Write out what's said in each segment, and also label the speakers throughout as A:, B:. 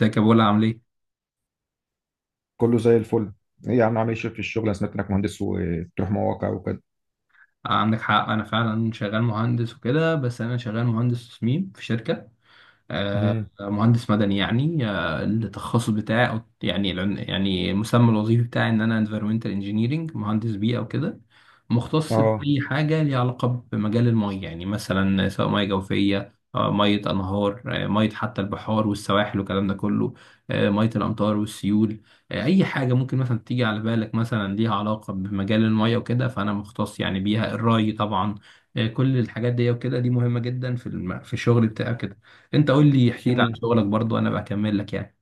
A: ازيك يا بولا عامل ايه؟
B: كله زي الفل. ايه يا عم، عامل ايه في الشغل؟ انا سمعت انك مهندس وبتروح مواقع وكده.
A: آه، عندك حق انا فعلا شغال مهندس وكده، بس انا شغال مهندس تصميم في شركة. آه،
B: امم
A: مهندس مدني يعني. التخصص بتاعي، أو يعني المسمى الوظيفي بتاعي إن أنا environmental engineering، مهندس بيئة وكده. مختص
B: اه
A: بأي حاجة ليها علاقة بمجال المية، يعني مثلا سواء مية جوفية، مية أنهار، مية حتى البحار والسواحل والكلام ده كله، مية الأمطار والسيول. أي حاجة ممكن مثلا تيجي على بالك مثلا ليها علاقة بمجال المية وكده، فأنا مختص يعني بيها، الري طبعا. كل الحاجات دي وكده، دي مهمة جدا في الشغل بتاعك. انت قول لي، احكي لي عن
B: امم
A: شغلك برضو، انا بكمل لك يعني.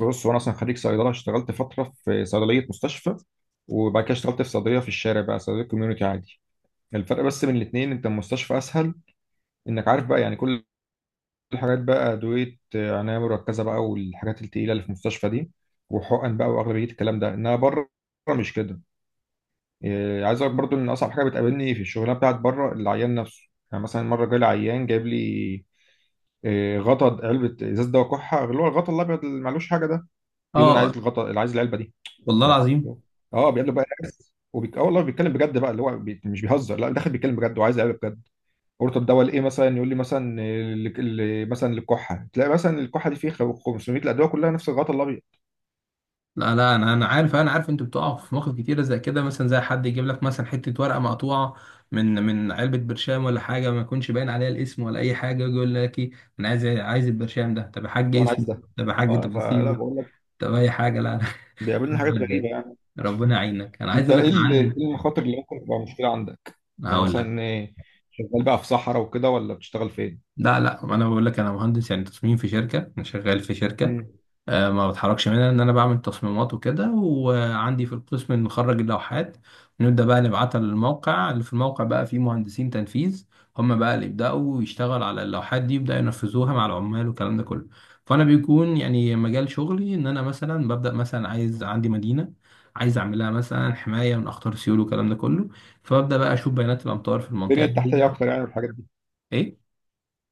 B: بص، وانا اصلا خريج صيدله، اشتغلت فتره في صيدليه مستشفى، وبعد كده اشتغلت في صيدليه في الشارع بقى، صيدليه كوميونتي عادي. الفرق بس بين الاثنين انت المستشفى اسهل، انك عارف بقى يعني كل الحاجات بقى ادويه، عنايه مركزه بقى والحاجات التقيله اللي في المستشفى دي وحقن بقى، واغلبيه الكلام ده انها بره، مش كده؟ عايز اقول لك برضو ان اصعب حاجه بتقابلني في الشغلانه بتاعت بره العيان نفسه. يعني مثلا مره جالي عيان جايب لي غطا علبه ازاز دواء كحه، اللي هو الغطا الابيض اللي معلوش حاجه ده. يقول لي انا
A: اه.
B: عايز الغطا، اللي عايز العلبه دي.
A: والله
B: ف
A: العظيم.
B: اه، بيقابله بقى ناس، اه والله بيتكلم بجد بقى، مش بيهزر، لا، داخل بيتكلم بجد وعايز العلبه بجد. قلت طب دواء لايه؟ مثلا يقول لي مثلا مثلا للكحه، تلاقي مثلا الكحه دي فيه 500 الادويه كلها نفس الغطا الابيض.
A: لا لا، انا عارف انتوا بتقعوا في مواقف كتيره زي كده، مثلا زي حد يجيب لك مثلا حته ورقه مقطوعه من علبه برشام ولا حاجه، ما يكونش باين عليها الاسم ولا اي حاجه، يجي يقول لك ايه، انا عايز البرشام ده. طب يا
B: يقول
A: حاج
B: لي انا عايز
A: اسمه؟
B: ده.
A: طب يا حاج
B: اه، فلا
A: تفاصيله؟
B: بقول لك،
A: طب اي حاجه؟ لا
B: بيقابلنا حاجات
A: لا.
B: غريبه يعني.
A: ربنا يعينك. انا عايز
B: انت
A: اقول لك
B: ايه
A: أنا
B: ايه
A: عني.
B: المخاطر اللي ممكن تبقى مشكله عندك؟ يعني
A: هقول لك.
B: مثلا، شغال بقى في صحراء وكده ولا بتشتغل
A: لا لا، انا بقول لك انا مهندس يعني تصميم في شركه، انا شغال في شركه.
B: فين؟
A: ما بتحركش منها، ان انا بعمل تصميمات وكده، وعندي في القسم نخرج اللوحات ونبدا بقى نبعتها للموقع، اللي في الموقع بقى فيه مهندسين تنفيذ، هم بقى اللي يبداوا يشتغلوا على اللوحات دي، يبداوا ينفذوها مع العمال والكلام ده كله. فانا بيكون يعني مجال شغلي ان انا مثلا ببدا، مثلا عايز عندي مدينه عايز اعملها مثلا حمايه من اخطار سيول والكلام ده كله، فببدا بقى اشوف بيانات الامطار في
B: البنيه
A: المنطقه دي.
B: التحتيه اكتر يعني والحاجات دي؟
A: ايه.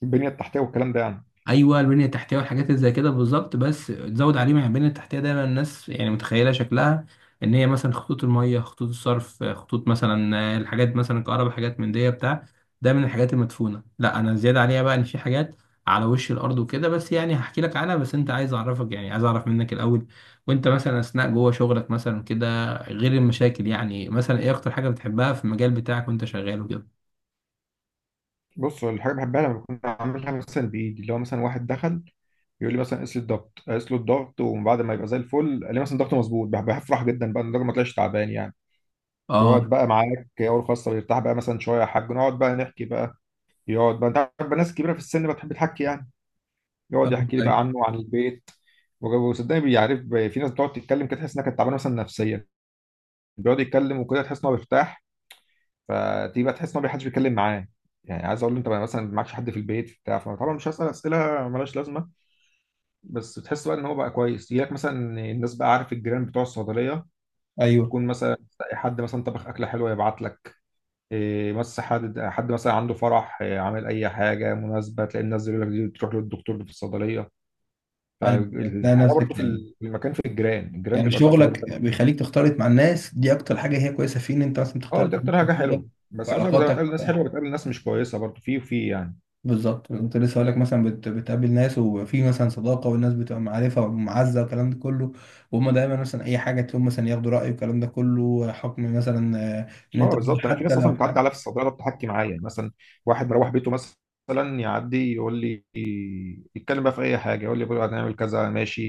B: البنيه التحتيه والكلام ده يعني؟
A: ايوه، البنيه التحتيه والحاجات اللي زي كده بالظبط، بس تزود عليه، مع البنيه التحتيه دايما الناس يعني متخيله شكلها ان هي مثلا خطوط الميه، خطوط الصرف، خطوط مثلا الحاجات مثلا الكهرباء، حاجات من دي بتاع، ده من الحاجات المدفونه. لا، انا زياده عليها بقى ان في حاجات على وش الارض وكده، بس يعني هحكي لك عنها. بس انت عايز اعرفك، يعني عايز اعرف منك الاول. وانت مثلا اثناء جوه شغلك مثلا كده، غير المشاكل، يعني مثلا ايه اكتر حاجه بتحبها في المجال بتاعك وانت شغال وكده؟
B: بص، الحاجه بحبها لما بكون عاملها مثلا بايدي، اللي هو مثلا واحد دخل يقول لي مثلا قيس لي الضغط، قيس له الضغط ومن بعد ما يبقى زي الفل، قال لي مثلا ضغطه مظبوط، بفرح جدا بقى إن الراجل ما طلعش تعبان يعني.
A: اه.
B: يقعد بقى معاك اول خاصه، ويرتاح بقى مثلا شويه، يا حاج نقعد بقى نحكي بقى. يقعد بقى، انت عارف بقى ناس كبيره في السن بتحب تحكي يعني. يقعد يحكي
A: فاهمك.
B: لي بقى
A: ايوه
B: عنه وعن البيت. وصدقني بيعرف. في ناس بتقعد تتكلم كده، تحس انها كانت تعبانه مثلا نفسيا، بيقعد يتكلم وكده تحس ان هو بيرتاح. فدي بقى تحس ان هو حدش بيتكلم معاه، يعني عايز اقول له انت بقى مثلا معكش حد في البيت بتاع، فطبعا مش هسال اسئله ملهاش لازمه، بس تحس بقى ان هو بقى كويس. يجي لك مثلا الناس بقى، عارف الجيران بتوع الصيدليه،
A: ايوه.
B: تكون مثلا تلاقي حد مثلا طبخ اكله حلوه يبعت لك، إيه بس حد مثلا عنده فرح، إيه، عامل اي حاجه مناسبه، تلاقي الناس يقول لك دي تروح للدكتور اللي في الصيدليه.
A: ايوه، تلاقي
B: فالحلاوه برضه
A: نفسك
B: في
A: يعني،
B: في المكان، في الجيران، الجيران
A: يعني
B: بيبقى تحفه جدا.
A: شغلك بيخليك تختلط مع الناس دي، اكتر حاجه هي كويسه فيه ان انت مثلا
B: اه
A: بتختلط
B: دي
A: مع ناس
B: اكتر حاجه
A: كتيره.
B: حلوه،
A: في
B: بس عايز اقول لك زي ما
A: علاقاتك
B: بتقابل ناس حلوه بتقابل ناس مش كويسه برضه، في يعني.
A: بالظبط. كنت لسه هقول لك مثلا بتقابل ناس وفي مثلا صداقه، والناس بتبقى معرفه ومعزه والكلام ده كله، وهم دايما مثلا اي حاجه تقوم مثلا ياخدوا راي، والكلام ده كله حكم مثلا، ان انت
B: اه بالظبط، انا في
A: حتى
B: ناس
A: لو
B: اصلا بتعدي
A: حاجه.
B: عليا في الصيدله بتحكي معايا، يعني مثلا واحد مروح بيته مثلا يعدي يقول لي، يتكلم بقى في اي حاجه، يقول لي بكره هنعمل كذا، ماشي.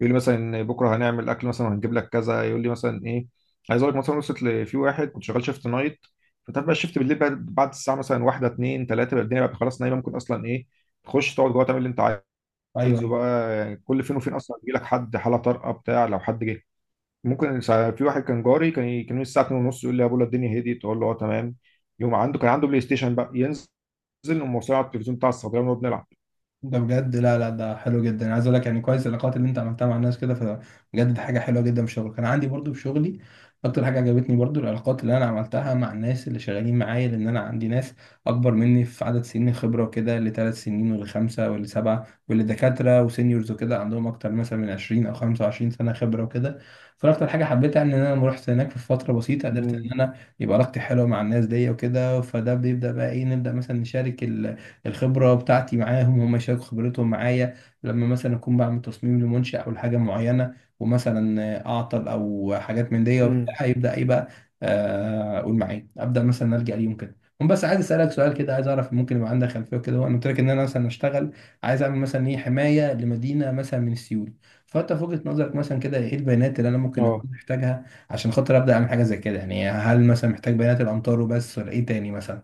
B: يقول لي مثلا بكره هنعمل اكل مثلا وهنجيب لك كذا، يقول لي مثلا ايه. عايز اقول لك مثلا، في واحد كنت شغال شيفت نايت، فانت عارف بقى الشيفت بالليل بقى بعد الساعه مثلا واحده اتنين تلاته بقى الدنيا بقى خلاص نايمه، ممكن اصلا ايه، تخش تقعد جوه تعمل اللي انت
A: ايوه.
B: عايزه
A: أيوه.
B: بقى يعني. كل فين وفين اصلا يجي لك حد حاله طارئه بتاع، لو حد جه. في واحد كان جاري، كان يجي الساعه 2 ونص يقول لي يا بولا الدنيا هديت، اقول له اه تمام. يوم عنده كان عنده بلاي ستيشن بقى، ينزل، نقوم موصلين على التلفزيون بتاع الصيدليه ونقعد نلعب.
A: ده بجد. لا لا، ده حلو جدا. انا عايز اقول لك يعني كويس العلاقات اللي انت عملتها مع الناس كده، فبجد دي حاجه حلوه جدا في شغلك. انا عندي برضو في شغلي اكتر حاجه عجبتني برضو، العلاقات اللي انا عملتها مع الناس اللي شغالين معايا. لان انا عندي ناس اكبر مني في عدد سنين خبره وكده، اللي ثلاث سنين، واللي خمسه، واللي سبعه، واللي دكاتره وسينيورز وكده عندهم اكتر مثلا من 20 او 25 سنه خبره وكده. فانا اكتر حاجه حبيتها ان انا لما رحت هناك في فتره بسيطه قدرت ان
B: امم
A: انا يبقى علاقتي حلوه مع الناس دي وكده، فده بيبدا بقى ايه، نبدا مثلا نشارك الخبرة بتاعتي معاهم، هم يشاركوا خبرتهم معايا. لما مثلا أكون بعمل تصميم لمنشأ أو لحاجة معينة، ومثلا أعطل أو حاجات من دي
B: امم
A: وبتاع، يبدأ إيه بقى، أقول معايا، أبدأ مثلا ألجأ ليهم كده هم. بس عايز أسألك سؤال كده، عايز أعرف ممكن يبقى عندك خلفية كده. هو أنا قلت لك إن أنا مثلا أشتغل، عايز أعمل مثلا إيه حماية لمدينة مثلا من السيول. فأنت في وجهة نظرك مثلا كده، إيه البيانات اللي أنا ممكن أكون
B: اه
A: محتاجها عشان خاطر أبدأ أعمل حاجة زي كده؟ يعني هل مثلا محتاج بيانات الأمطار وبس ولا إيه تاني مثلا؟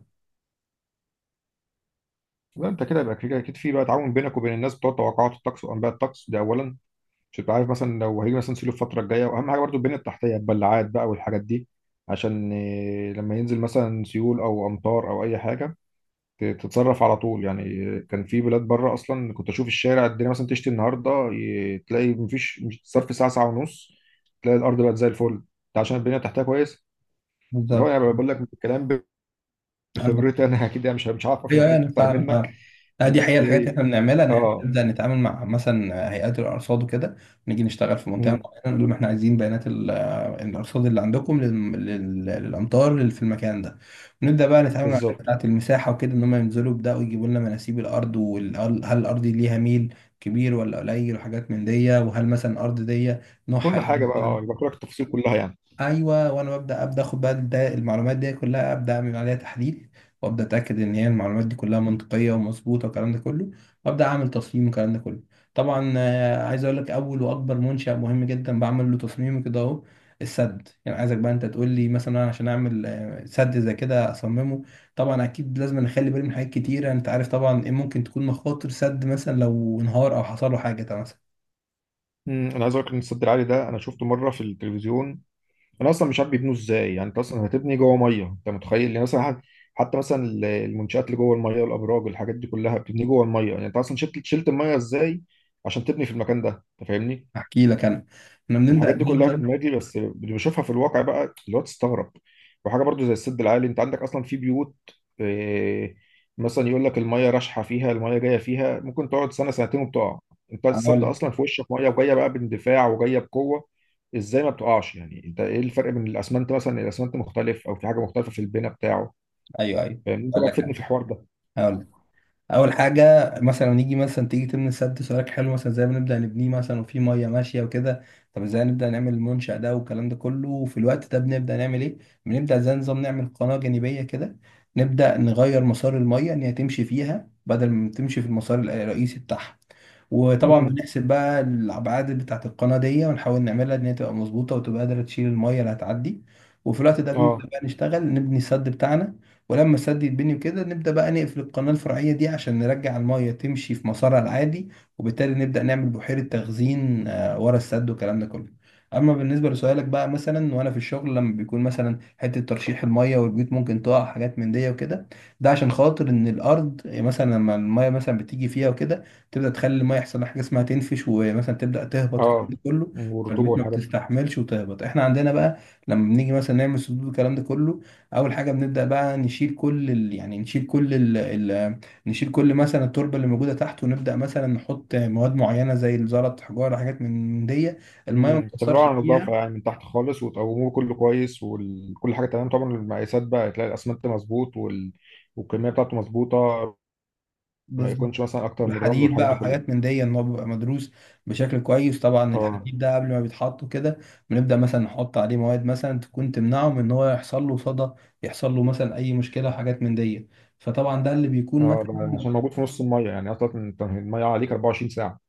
B: لا، انت كده يبقى كده اكيد في بقى تعاون بينك وبين الناس بتوع توقعات الطقس وانباء الطقس، ده اولا، عشان تبقى عارف مثلا لو هيجي مثلا سيلو الفتره الجايه. واهم حاجه برضو البنيه التحتيه، البلاعات بقى والحاجات دي، عشان لما ينزل مثلا سيول او امطار او اي حاجه، تتصرف على طول يعني. كان في بلاد بره اصلا كنت اشوف الشارع، الدنيا مثلا تشتي النهارده، تلاقي مفيش صرف، ساعه ساعه ونص تلاقي الارض بقت زي الفل، ده عشان البنيه تحتها كويس.
A: بالظبط.
B: طبعا انا بقول لك من الكلام، بخبرتي انا اكيد يعني مش عارفه، في
A: ايوه.
B: مكان
A: أيوة، انا
B: اكتر
A: فاهم
B: منك.
A: فاهم. لا، دي
B: بس
A: حقيقة الحاجات اللي احنا
B: ايه.
A: بنعملها، ان احنا
B: اه.
A: نبدا نتعامل مع مثلا هيئات الارصاد وكده، نيجي نشتغل في منطقه
B: مم،
A: معينه نقول لهم احنا عايزين بيانات الارصاد اللي عندكم للامطار اللي في المكان ده. ونبدا بقى نتعامل مع الناس
B: بالظبط.
A: بتاعه المساحه وكده، ان هم ينزلوا يبداوا يجيبوا لنا مناسيب الارض، وهل الارض دي ليها ميل كبير ولا قليل، وحاجات من دي، وهل مثلا الارض دي نوعها
B: كل
A: ايه
B: حاجه بقى اه
A: مثلا.
B: يبقى لك التفاصيل كلها يعني.
A: ايوه، وانا ببدا ابدا اخد بقى ده المعلومات دي كلها، ابدا اعمل عليها تحليل، وابدا اتاكد ان هي المعلومات دي كلها منطقيه ومظبوطه والكلام ده كله، وابدا اعمل تصميم والكلام ده كله. طبعا، عايز اقول لك اول واكبر منشا مهم جدا بعمل له تصميم كده اهو، السد. يعني عايزك بقى انت تقول لي مثلا، أنا عشان اعمل سد زي كده اصممه، طبعا اكيد لازم اخلي بالي من حاجات كتيره. انت عارف طبعا ايه ممكن تكون مخاطر سد مثلا لو انهار او حصل له حاجه طبعا مثلا.
B: انا عايز اقول لك ان السد العالي ده انا شفته مره في التلفزيون. انا اصلا مش عارف بيبنوا ازاي، يعني انت اصلا هتبني جوه ميه، انت متخيل يعني مثلا، حتى مثلا المنشات اللي جوه الميه، الابراج، الحاجات دي كلها بتبني جوه الميه، يعني انت اصلا شلت الميه ازاي عشان تبني في المكان ده؟ انت فاهمني؟
A: احكي لك انا، احنا
B: الحاجات
A: بنبدا
B: دي كلها في
A: ننزل.
B: دماغي بس اللي بشوفها في الواقع بقى اللي هو تستغرب. وحاجه برضو زي السد العالي، انت عندك اصلا في بيوت، آه، مثلا يقول لك الميه راشحه فيها، الميه جايه فيها، ممكن تقعد سنه سنتين وبتقع. انت السد
A: اقول.
B: اصلا في وشك ميه وجايه بقى باندفاع وجايه بقوه، ازاي ما بتقعش يعني؟ انت ايه الفرق بين الاسمنت مثلا، الاسمنت مختلف او في حاجه مختلفه في البناء بتاعه؟
A: ايوه ايوه.
B: فاهم؟ انت
A: اقول
B: بقى
A: لك.
B: تفيدني في الحوار ده.
A: هقول لك. اول حاجه مثلا نيجي مثلا تيجي تبني سد، سؤالك حلو، مثلا ازاي بنبدا نبنيه مثلا وفي ميه ماشيه وكده؟ طب ازاي نبدا نعمل المنشا ده والكلام ده كله وفي الوقت ده بنبدا نعمل ايه؟ بنبدا زي نظام نعمل قناه جانبيه كده، نبدا نغير مسار الميه ان هي تمشي فيها بدل ما تمشي في المسار الرئيسي بتاعها. وطبعا
B: مم.
A: بنحسب بقى الابعاد بتاعه القناه دي، ونحاول نعملها ان هي تبقى مظبوطه وتبقى قادره تشيل الميه اللي هتعدي. وفي الوقت ده
B: اه.
A: بنبدا بقى نشتغل نبني السد بتاعنا. ولما السد يتبني وكده، نبدا بقى نقفل القناه الفرعيه دي عشان نرجع الميه تمشي في مسارها العادي، وبالتالي نبدا نعمل بحيره تخزين ورا السد والكلام ده كله. اما بالنسبه لسؤالك بقى، مثلا وانا في الشغل لما بيكون مثلا حته ترشيح الميه والبيوت ممكن تقع حاجات من دي وكده، ده عشان خاطر ان الارض يعني مثلا لما الميه مثلا بتيجي فيها وكده تبدا تخلي الميه يحصل لها حاجه اسمها تنفش، ومثلا تبدا تهبط والكلام
B: اه
A: ده كله،
B: والرطوبه
A: فالبيوت ما
B: والحاجات.
A: بتستحملش وتهبط. احنا عندنا بقى لما بنيجي مثلا نعمل سدود والكلام ده كله، اول حاجه بنبدا بقى نشيل كل ال... يعني نشيل كل ال... ال... نشيل كل مثلا التربه اللي موجوده تحت، ونبدا مثلا نحط مواد معينه زي الزلط، حجاره، حاجات من دي، الميه ما
B: مم. تعملوها
A: بتاثرش
B: على نظافة
A: فيها.
B: يعني من تحت خالص، وتقوموه كله كويس وكل حاجة تمام، طبعا المقاسات بقى تلاقي الأسمنت مظبوط والكمية بتاعته مظبوطة، ما
A: بالظبط.
B: يكونش مثلا أكتر من الرمل
A: الحديد
B: والحاجات
A: بقى
B: دي كلها.
A: وحاجات من دي ان هو بيبقى مدروس بشكل كويس. طبعا
B: اه.
A: الحديد ده قبل ما بيتحط كده، بنبدا مثلا نحط عليه مواد مثلا تكون تمنعه من ان هو يحصل له صدى، يحصل له مثلا اي مشكله وحاجات من دي، فطبعا ده اللي بيكون
B: اه ده
A: مثلا.
B: عشان موجود في نص المية، يعني أصلا أنت المية عليك 24 ساعة.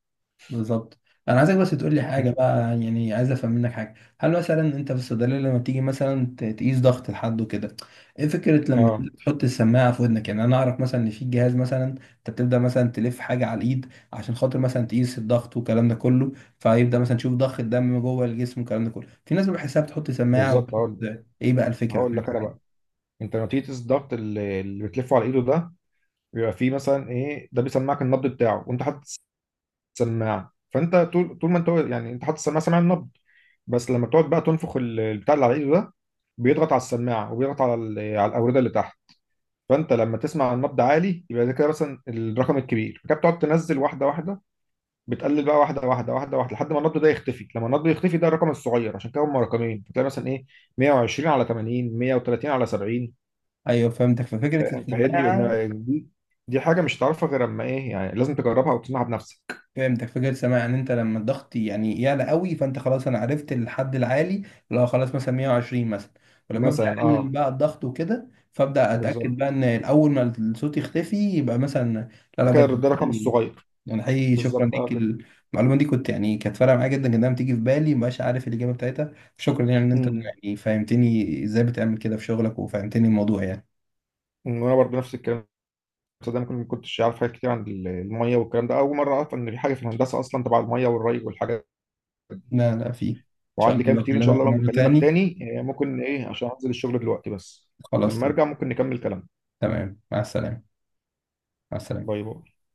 A: بالظبط. انا عايزك بس تقول لي
B: مم.
A: حاجه بقى، يعني عايز افهم منك حاجه. هل مثلا انت في الصيدليه لما بتيجي مثلا تقيس ضغط لحد وكده، ايه فكره لما
B: اه
A: تحط السماعه في ودنك؟ يعني انا اعرف مثلا ان في جهاز مثلا انت بتبدا مثلا تلف حاجه على الايد عشان خاطر مثلا تقيس الضغط والكلام ده كله، فيبدا مثلا تشوف ضخ الدم جوه الجسم والكلام ده كله. في ناس بحسها بتحط سماعه
B: بالظبط.
A: وبتحط.
B: هقول
A: ايه بقى الفكره
B: هقول لك
A: في
B: أنا
A: كده؟
B: بقى. أنت لما تيجي تقيس الضغط، اللي بتلفه على إيده ده، بيبقى فيه مثلا إيه، ده بيسمعك النبض بتاعه وأنت حاطط السماعة. فأنت طول ما أنت يعني أنت حاطط السماعة، سامع النبض، بس لما بتقعد بقى تنفخ البتاع اللي على ايده ده، بيضغط على السماعه وبيضغط على على الاورده اللي تحت. فانت لما تسمع النبض عالي يبقى ده كده مثلا الرقم الكبير، فكده بتقعد تنزل واحده واحده، بتقلل بقى واحده واحده واحده واحده لحد ما النبض ده يختفي. لما النبض يختفي ده الرقم الصغير، عشان كده هم رقمين. فتلاقي مثلا ايه، 120 على 80، 130 على 70.
A: ايوه فهمتك، ففكره
B: فاهم؟ فهي دي
A: السماعه،
B: دي دي حاجه مش هتعرفها غير اما ايه، يعني لازم تجربها وتسمعها بنفسك.
A: فهمتك. فكرة سامع يعني انت لما الضغط يعني يعلى قوي، فانت خلاص انا عرفت الحد العالي، اللي هو خلاص مثلا 120 مثلا. ولما ابدا
B: مثلا
A: اقلل
B: اه.
A: بقى الضغط وكده فابدا اتاكد
B: بالظبط.
A: بقى ان الاول ما الصوت يختفي يبقى مثلا. لا لا،
B: ده كده
A: بجد،
B: ده الرقم
A: حقيقي-
B: الصغير.
A: يعني حقيقي شكرا
B: بالظبط
A: ليك
B: اه كده.
A: المعلومه دي، كنت يعني كانت فارقه معايا جدا جدا، بتيجي في بالي مبقاش عارف الاجابه بتاعتها. شكرا يعني ان انت
B: امم.
A: يعني فهمتني ازاي بتعمل كده في شغلك وفهمتني الموضوع يعني.
B: وانا برضه نفس الكلام، ده انا ما كنتش عارف حاجات كتير عن الميه والكلام ده، اول مره اعرف ان في حاجه في الهندسه اصلا تبع الميه والري والحاجات.
A: لا لا، في ان شاء
B: وعندي كلام
A: الله
B: كتير ان شاء
A: بكلمك
B: الله لما
A: مره
B: اكلمك
A: تاني.
B: تاني. ممكن ايه عشان انزل الشغل دلوقتي بس،
A: خلاص.
B: لما ارجع ممكن نكمل كلام.
A: تمام. مع السلامه. مع السلامه.
B: باي باي.